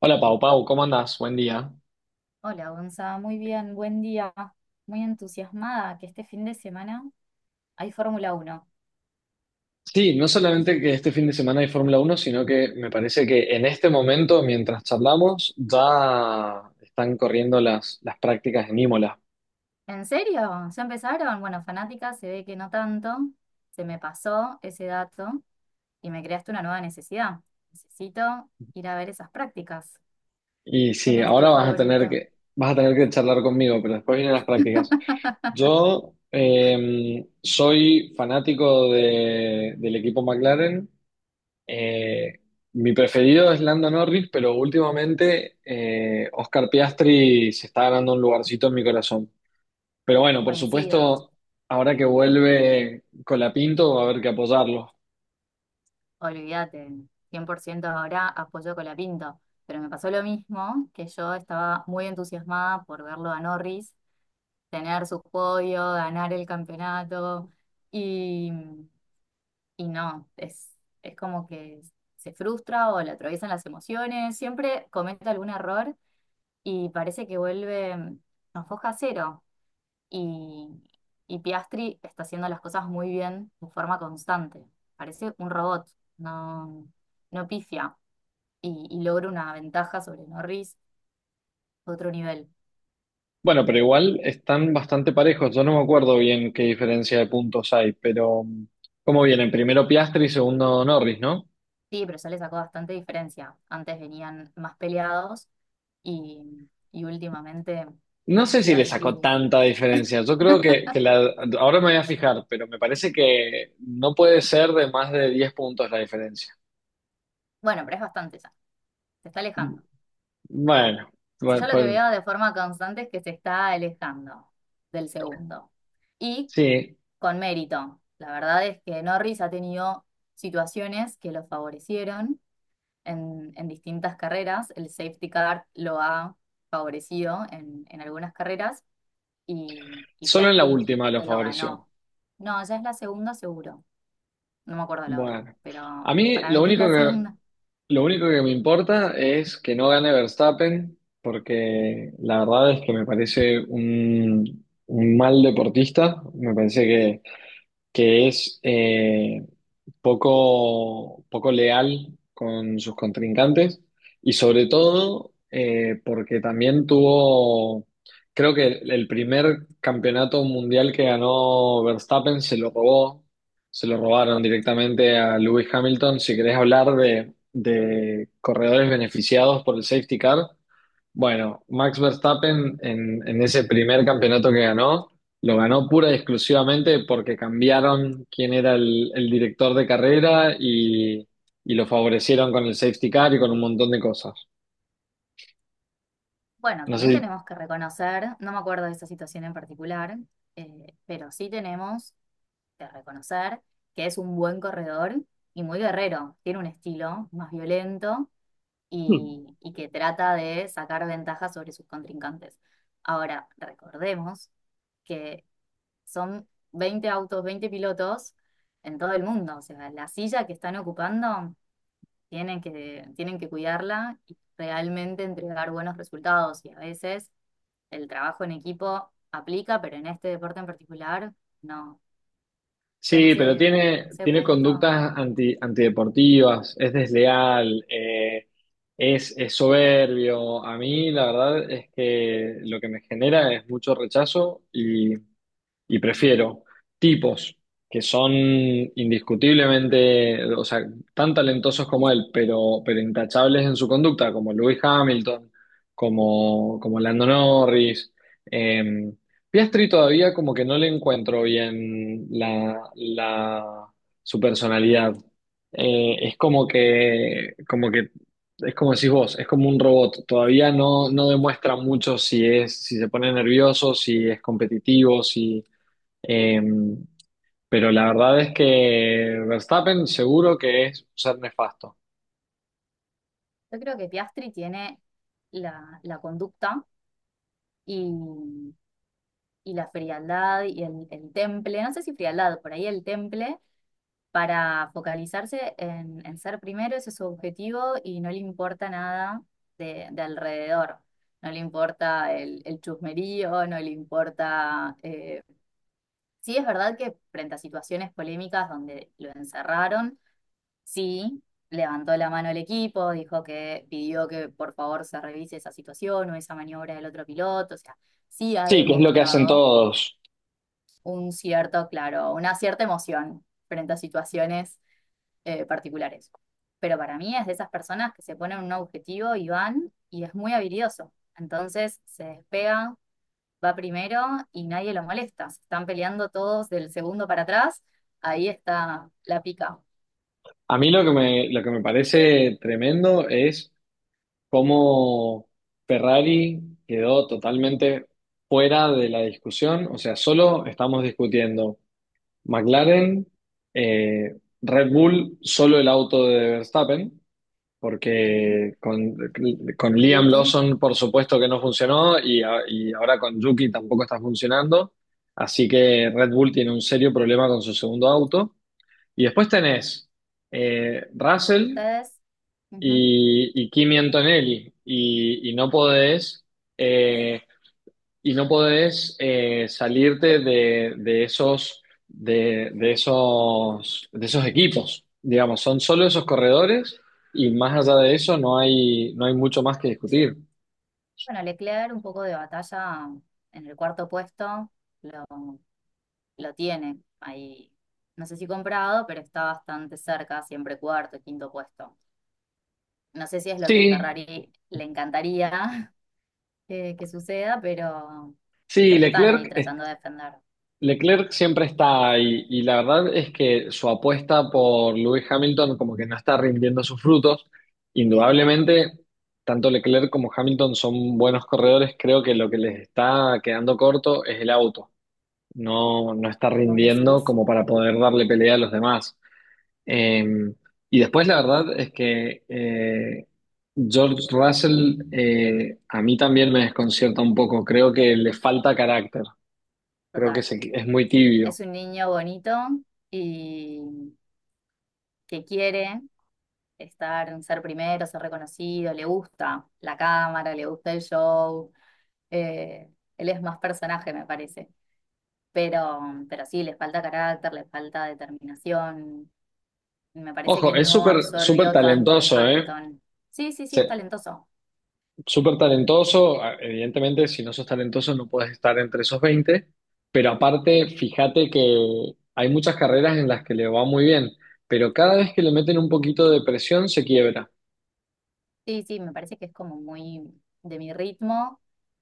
Hola Pau, Pau, ¿cómo andás? Buen día. Hola, Gonza, muy bien, buen día. Muy entusiasmada que este fin de semana hay Fórmula 1. Sí, no solamente que este fin de semana hay Fórmula Uno, sino que me parece que en este momento, mientras charlamos, ya están corriendo las prácticas en Imola. ¿En serio? ¿Ya empezaron? Bueno, fanática, se ve que no tanto. Se me pasó ese dato y me creaste una nueva necesidad. Necesito ir a ver esas prácticas. Y ¿Quién sí, es ahora tu vas a tener favorito? que charlar conmigo, pero después vienen las prácticas. Yo soy fanático del equipo McLaren. Eh, mi preferido es Lando Norris, pero últimamente Oscar Piastri se está ganando un lugarcito en mi corazón. Pero bueno, por Coincido, supuesto, ahora que vuelve Colapinto va a haber que apoyarlo. olvídate. 100% ahora apoyo a Colapinto. Pero me pasó lo mismo, que yo estaba muy entusiasmada por verlo a Norris tener su podio, ganar el campeonato y, y no, es como que se frustra o le atraviesan las emociones, siempre comete algún error y parece que vuelve a foja cero y, y Piastri está haciendo las cosas muy bien de forma constante, parece un robot, no, no pifia y logra una ventaja sobre Norris, otro nivel. Bueno, pero igual están bastante parejos. Yo no me acuerdo bien qué diferencia de puntos hay, pero ¿cómo vienen? Primero Piastri y segundo Norris, ¿no? Sí, pero ya le sacó bastante diferencia. Antes venían más peleados y últimamente No sé si le sacó Piastri. tanta diferencia. Yo creo que ahora me voy a fijar, pero me parece que no puede ser de más de 10 puntos la diferencia. Bueno, pero es bastante ya. Se está alejando. Bueno, Yo ya bueno, lo que pues veo de forma constante es que se está alejando del segundo. Y sí, con mérito. La verdad es que Norris ha tenido situaciones que lo favorecieron en distintas carreras. El safety car lo ha favorecido en algunas carreras y solo en la Piastri última lo se lo favoreció. ganó. No, ya es la segunda seguro. No me acuerdo la otra, Bueno, a pero mí para mí que es la segunda. lo único que me importa es que no gane Verstappen, porque la verdad es que me parece un mal deportista, me parece que es, poco leal con sus contrincantes y sobre todo porque también tuvo, creo que el primer campeonato mundial que ganó Verstappen se lo robó, se lo robaron directamente a Lewis Hamilton. Si querés hablar de corredores beneficiados por el safety car, bueno, Max Verstappen en ese primer campeonato que ganó, lo ganó pura y exclusivamente porque cambiaron quién era el director de carrera y lo favorecieron con el safety car y con un montón de cosas. Bueno, No sé también si- tenemos que reconocer, no me acuerdo de esa situación en particular, pero sí tenemos que reconocer que es un buen corredor y muy guerrero. Tiene un estilo más violento y que trata de sacar ventaja sobre sus contrincantes. Ahora, recordemos que son 20 autos, 20 pilotos en todo el mundo. O sea, la silla que están ocupando tienen que cuidarla y realmente entregar buenos resultados. Y a veces el trabajo en equipo aplica, pero en este deporte en particular, no. Yo en sí, pero ese, en tiene, ese tiene punto, conductas antideportivas, es desleal, es soberbio. A mí la verdad es que lo que me genera es mucho rechazo. Y prefiero tipos que son indiscutiblemente, o sea, tan talentosos como él, pero intachables en su conducta, como Lewis Hamilton, como, como Lando Norris. Eh, Piastri todavía como que no le encuentro bien su personalidad. Es como que, es como decís vos, es como un robot. Todavía no, no demuestra mucho si es, si se pone nervioso, si es competitivo, si eh, pero la verdad es que Verstappen seguro que es un ser nefasto. yo creo que Piastri tiene la conducta y, y la frialdad y el temple, no sé si frialdad, por ahí el temple para focalizarse en ser primero, ese es su objetivo y no le importa nada de alrededor. No le importa el chusmerío, no le importa... Sí, es verdad que frente a situaciones polémicas donde lo encerraron, sí, levantó la mano el equipo, dijo que pidió que por favor se revise esa situación o esa maniobra del otro piloto, o sea, sí ha Sí, que es lo que hacen demostrado todos. un cierto, claro, una cierta emoción frente a situaciones particulares. Pero para mí es de esas personas que se ponen un objetivo y van y es muy habilidoso. Entonces se despega, va primero y nadie lo molesta. Se están peleando todos del segundo para atrás. Ahí está la pica. A mí lo que me parece tremendo es cómo Ferrari quedó totalmente fuera de la discusión. O sea, solo estamos discutiendo McLaren, eh, Red Bull, solo el auto de Verstappen. Sí. porque con, con Liam Yuki, Lawson por supuesto que no funcionó y, y ahora con Yuki tampoco está funcionando, así que Red Bull tiene un serio problema con su segundo auto. Y después tenés Russell ustedes. Ujú. Y Kimi Antonelli eh, y no podés salirte de esos de esos equipos, digamos, son solo esos corredores y más allá de eso no hay, no hay mucho más que discutir. Bueno, Leclerc, un poco de batalla en el cuarto puesto, lo, lo tiene ahí. No sé si comprado, pero está bastante cerca, siempre cuarto, quinto puesto. No sé si es lo que Sí, Ferrari le encantaría que suceda, sí, pero están ahí tratando de defender. Leclerc siempre está ahí y la verdad es que su apuesta por Lewis Hamilton como que no está rindiendo sus frutos. No, Indudablemente, tanto Leclerc como Hamilton son buenos corredores, creo que lo que les está quedando corto es el auto. No, no está vos rindiendo decís, como para poder darle pelea a los demás. Eh, y después la verdad es que George Russell, a mí también me desconcierta un poco, creo que le falta carácter, creo que total. Es muy tibio. Es un niño bonito y que quiere estar, ser primero, ser reconocido, le gusta la cámara, le gusta el show. eh, Él es más personaje, me parece. Pero, pero sí, le falta carácter, le falta determinación. Me parece que Ojo, es no súper súper absorbió tanto de talentoso, ¿eh? Hamilton. Sí, sí, sí, es Se- talentoso. Súper talentoso, evidentemente si no sos talentoso no puedes estar entre esos 20. Pero aparte fíjate que hay muchas carreras en las que le va muy bien, pero cada vez que le meten un poquito de presión se quiebra. Sí, sí, me parece que es como muy de mi ritmo,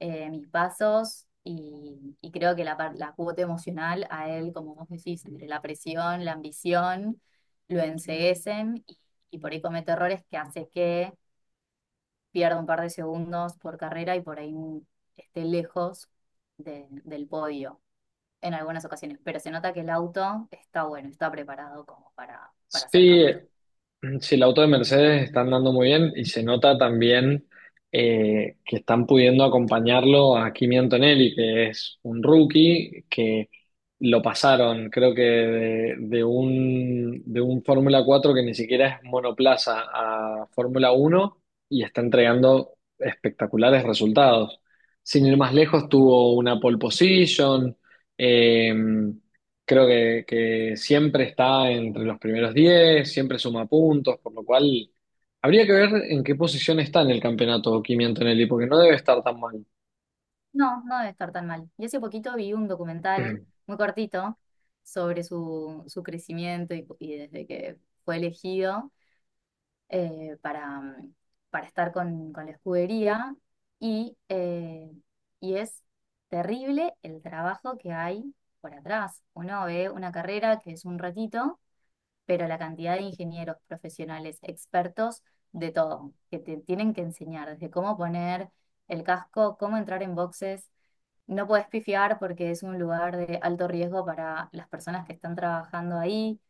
mis pasos y creo que la, la cuota emocional a él, como vos decís, entre la presión, la ambición, lo enceguecen y por ahí comete errores que hace que pierda un par de segundos por carrera y por ahí esté lejos del podio en algunas ocasiones. Pero se nota que el auto está bueno, está preparado como para ser Sí, campeón. mm, sí, el auto de Mercedes está andando muy bien y se nota también que están pudiendo acompañarlo a Kimi Antonelli, que es un rookie que lo pasaron, creo que de un Fórmula 4 que ni siquiera es monoplaza a Fórmula uno y está entregando espectaculares resultados. Sin ir más lejos, tuvo una pole position. eh, Creo que siempre está entre los primeros 10, siempre suma puntos, por lo cual habría que ver en qué posición está en el campeonato Kimi Antonelli, porque no debe estar tan mal. No, no debe estar tan mal. Y hace poquito vi un documental muy cortito sobre su crecimiento y desde que fue elegido para, para estar con la escudería. Y y es terrible el trabajo que hay por atrás. Uno ve una carrera que es un ratito, pero la cantidad de ingenieros profesionales, expertos de todo, que te tienen que enseñar desde cómo poner el casco, cómo entrar en boxes no puedes pifiar porque es un lugar de alto riesgo para las personas que están trabajando ahí.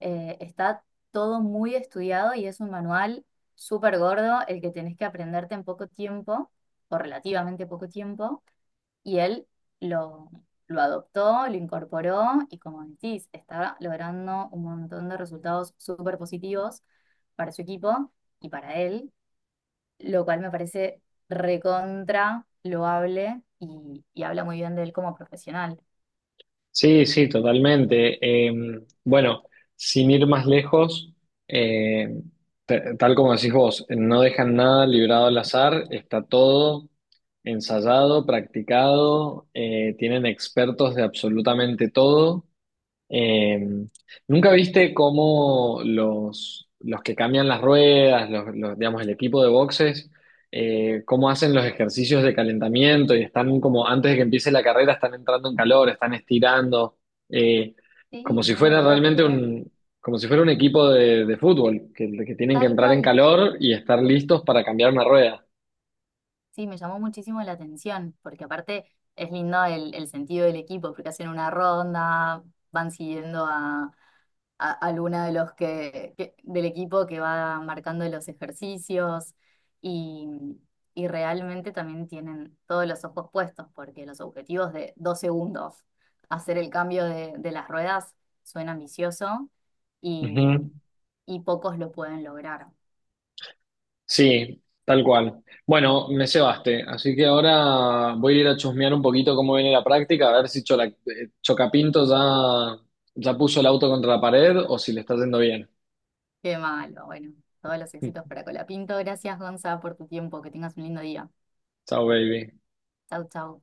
Está todo muy estudiado y es un manual súper gordo el que tenés que aprenderte en poco tiempo, o relativamente poco tiempo, y él lo, lo adoptó, lo incorporó y como decís, está logrando un montón de resultados súper positivos para su equipo y para él, lo cual me parece recontra loable y habla muy bien de él como profesional. Sí, sí, totalmente. Eh, bueno, sin ir más lejos, eh, tal como decís vos, no dejan nada librado al azar, está todo ensayado, practicado, tienen expertos de absolutamente todo. Eh, ¿Nunca viste cómo los que cambian las ruedas, digamos, el equipo de boxes, cómo hacen los ejercicios de calentamiento y están como antes de que empiece la carrera, están entrando en calor, están estirando, eh, como Sí, si no lo fuera podía creer, como si fuera un equipo de fútbol, que tienen que tal entrar en cual. calor y estar listos para cambiar una rueda? Sí, me llamó muchísimo la atención, porque aparte es lindo el sentido del equipo, porque hacen una ronda, van siguiendo a alguna de los que, del equipo que va marcando los ejercicios y, y realmente también tienen todos los ojos puestos porque los objetivos de 2 segundos, hacer el cambio de las ruedas, suena ambicioso Ujú. y, y pocos lo pueden lograr. Sí, tal cual. Bueno, me cebaste, así que ahora voy a ir a chusmear un poquito cómo viene la práctica, a ver si Chocapinto ya, ya puso el auto contra la pared o si le está yendo bien. Qué malo, bueno, todos los éxitos para Colapinto. Gracias, Gonza, por tu tiempo. Que tengas un lindo día. Chao, baby. Chau, chau.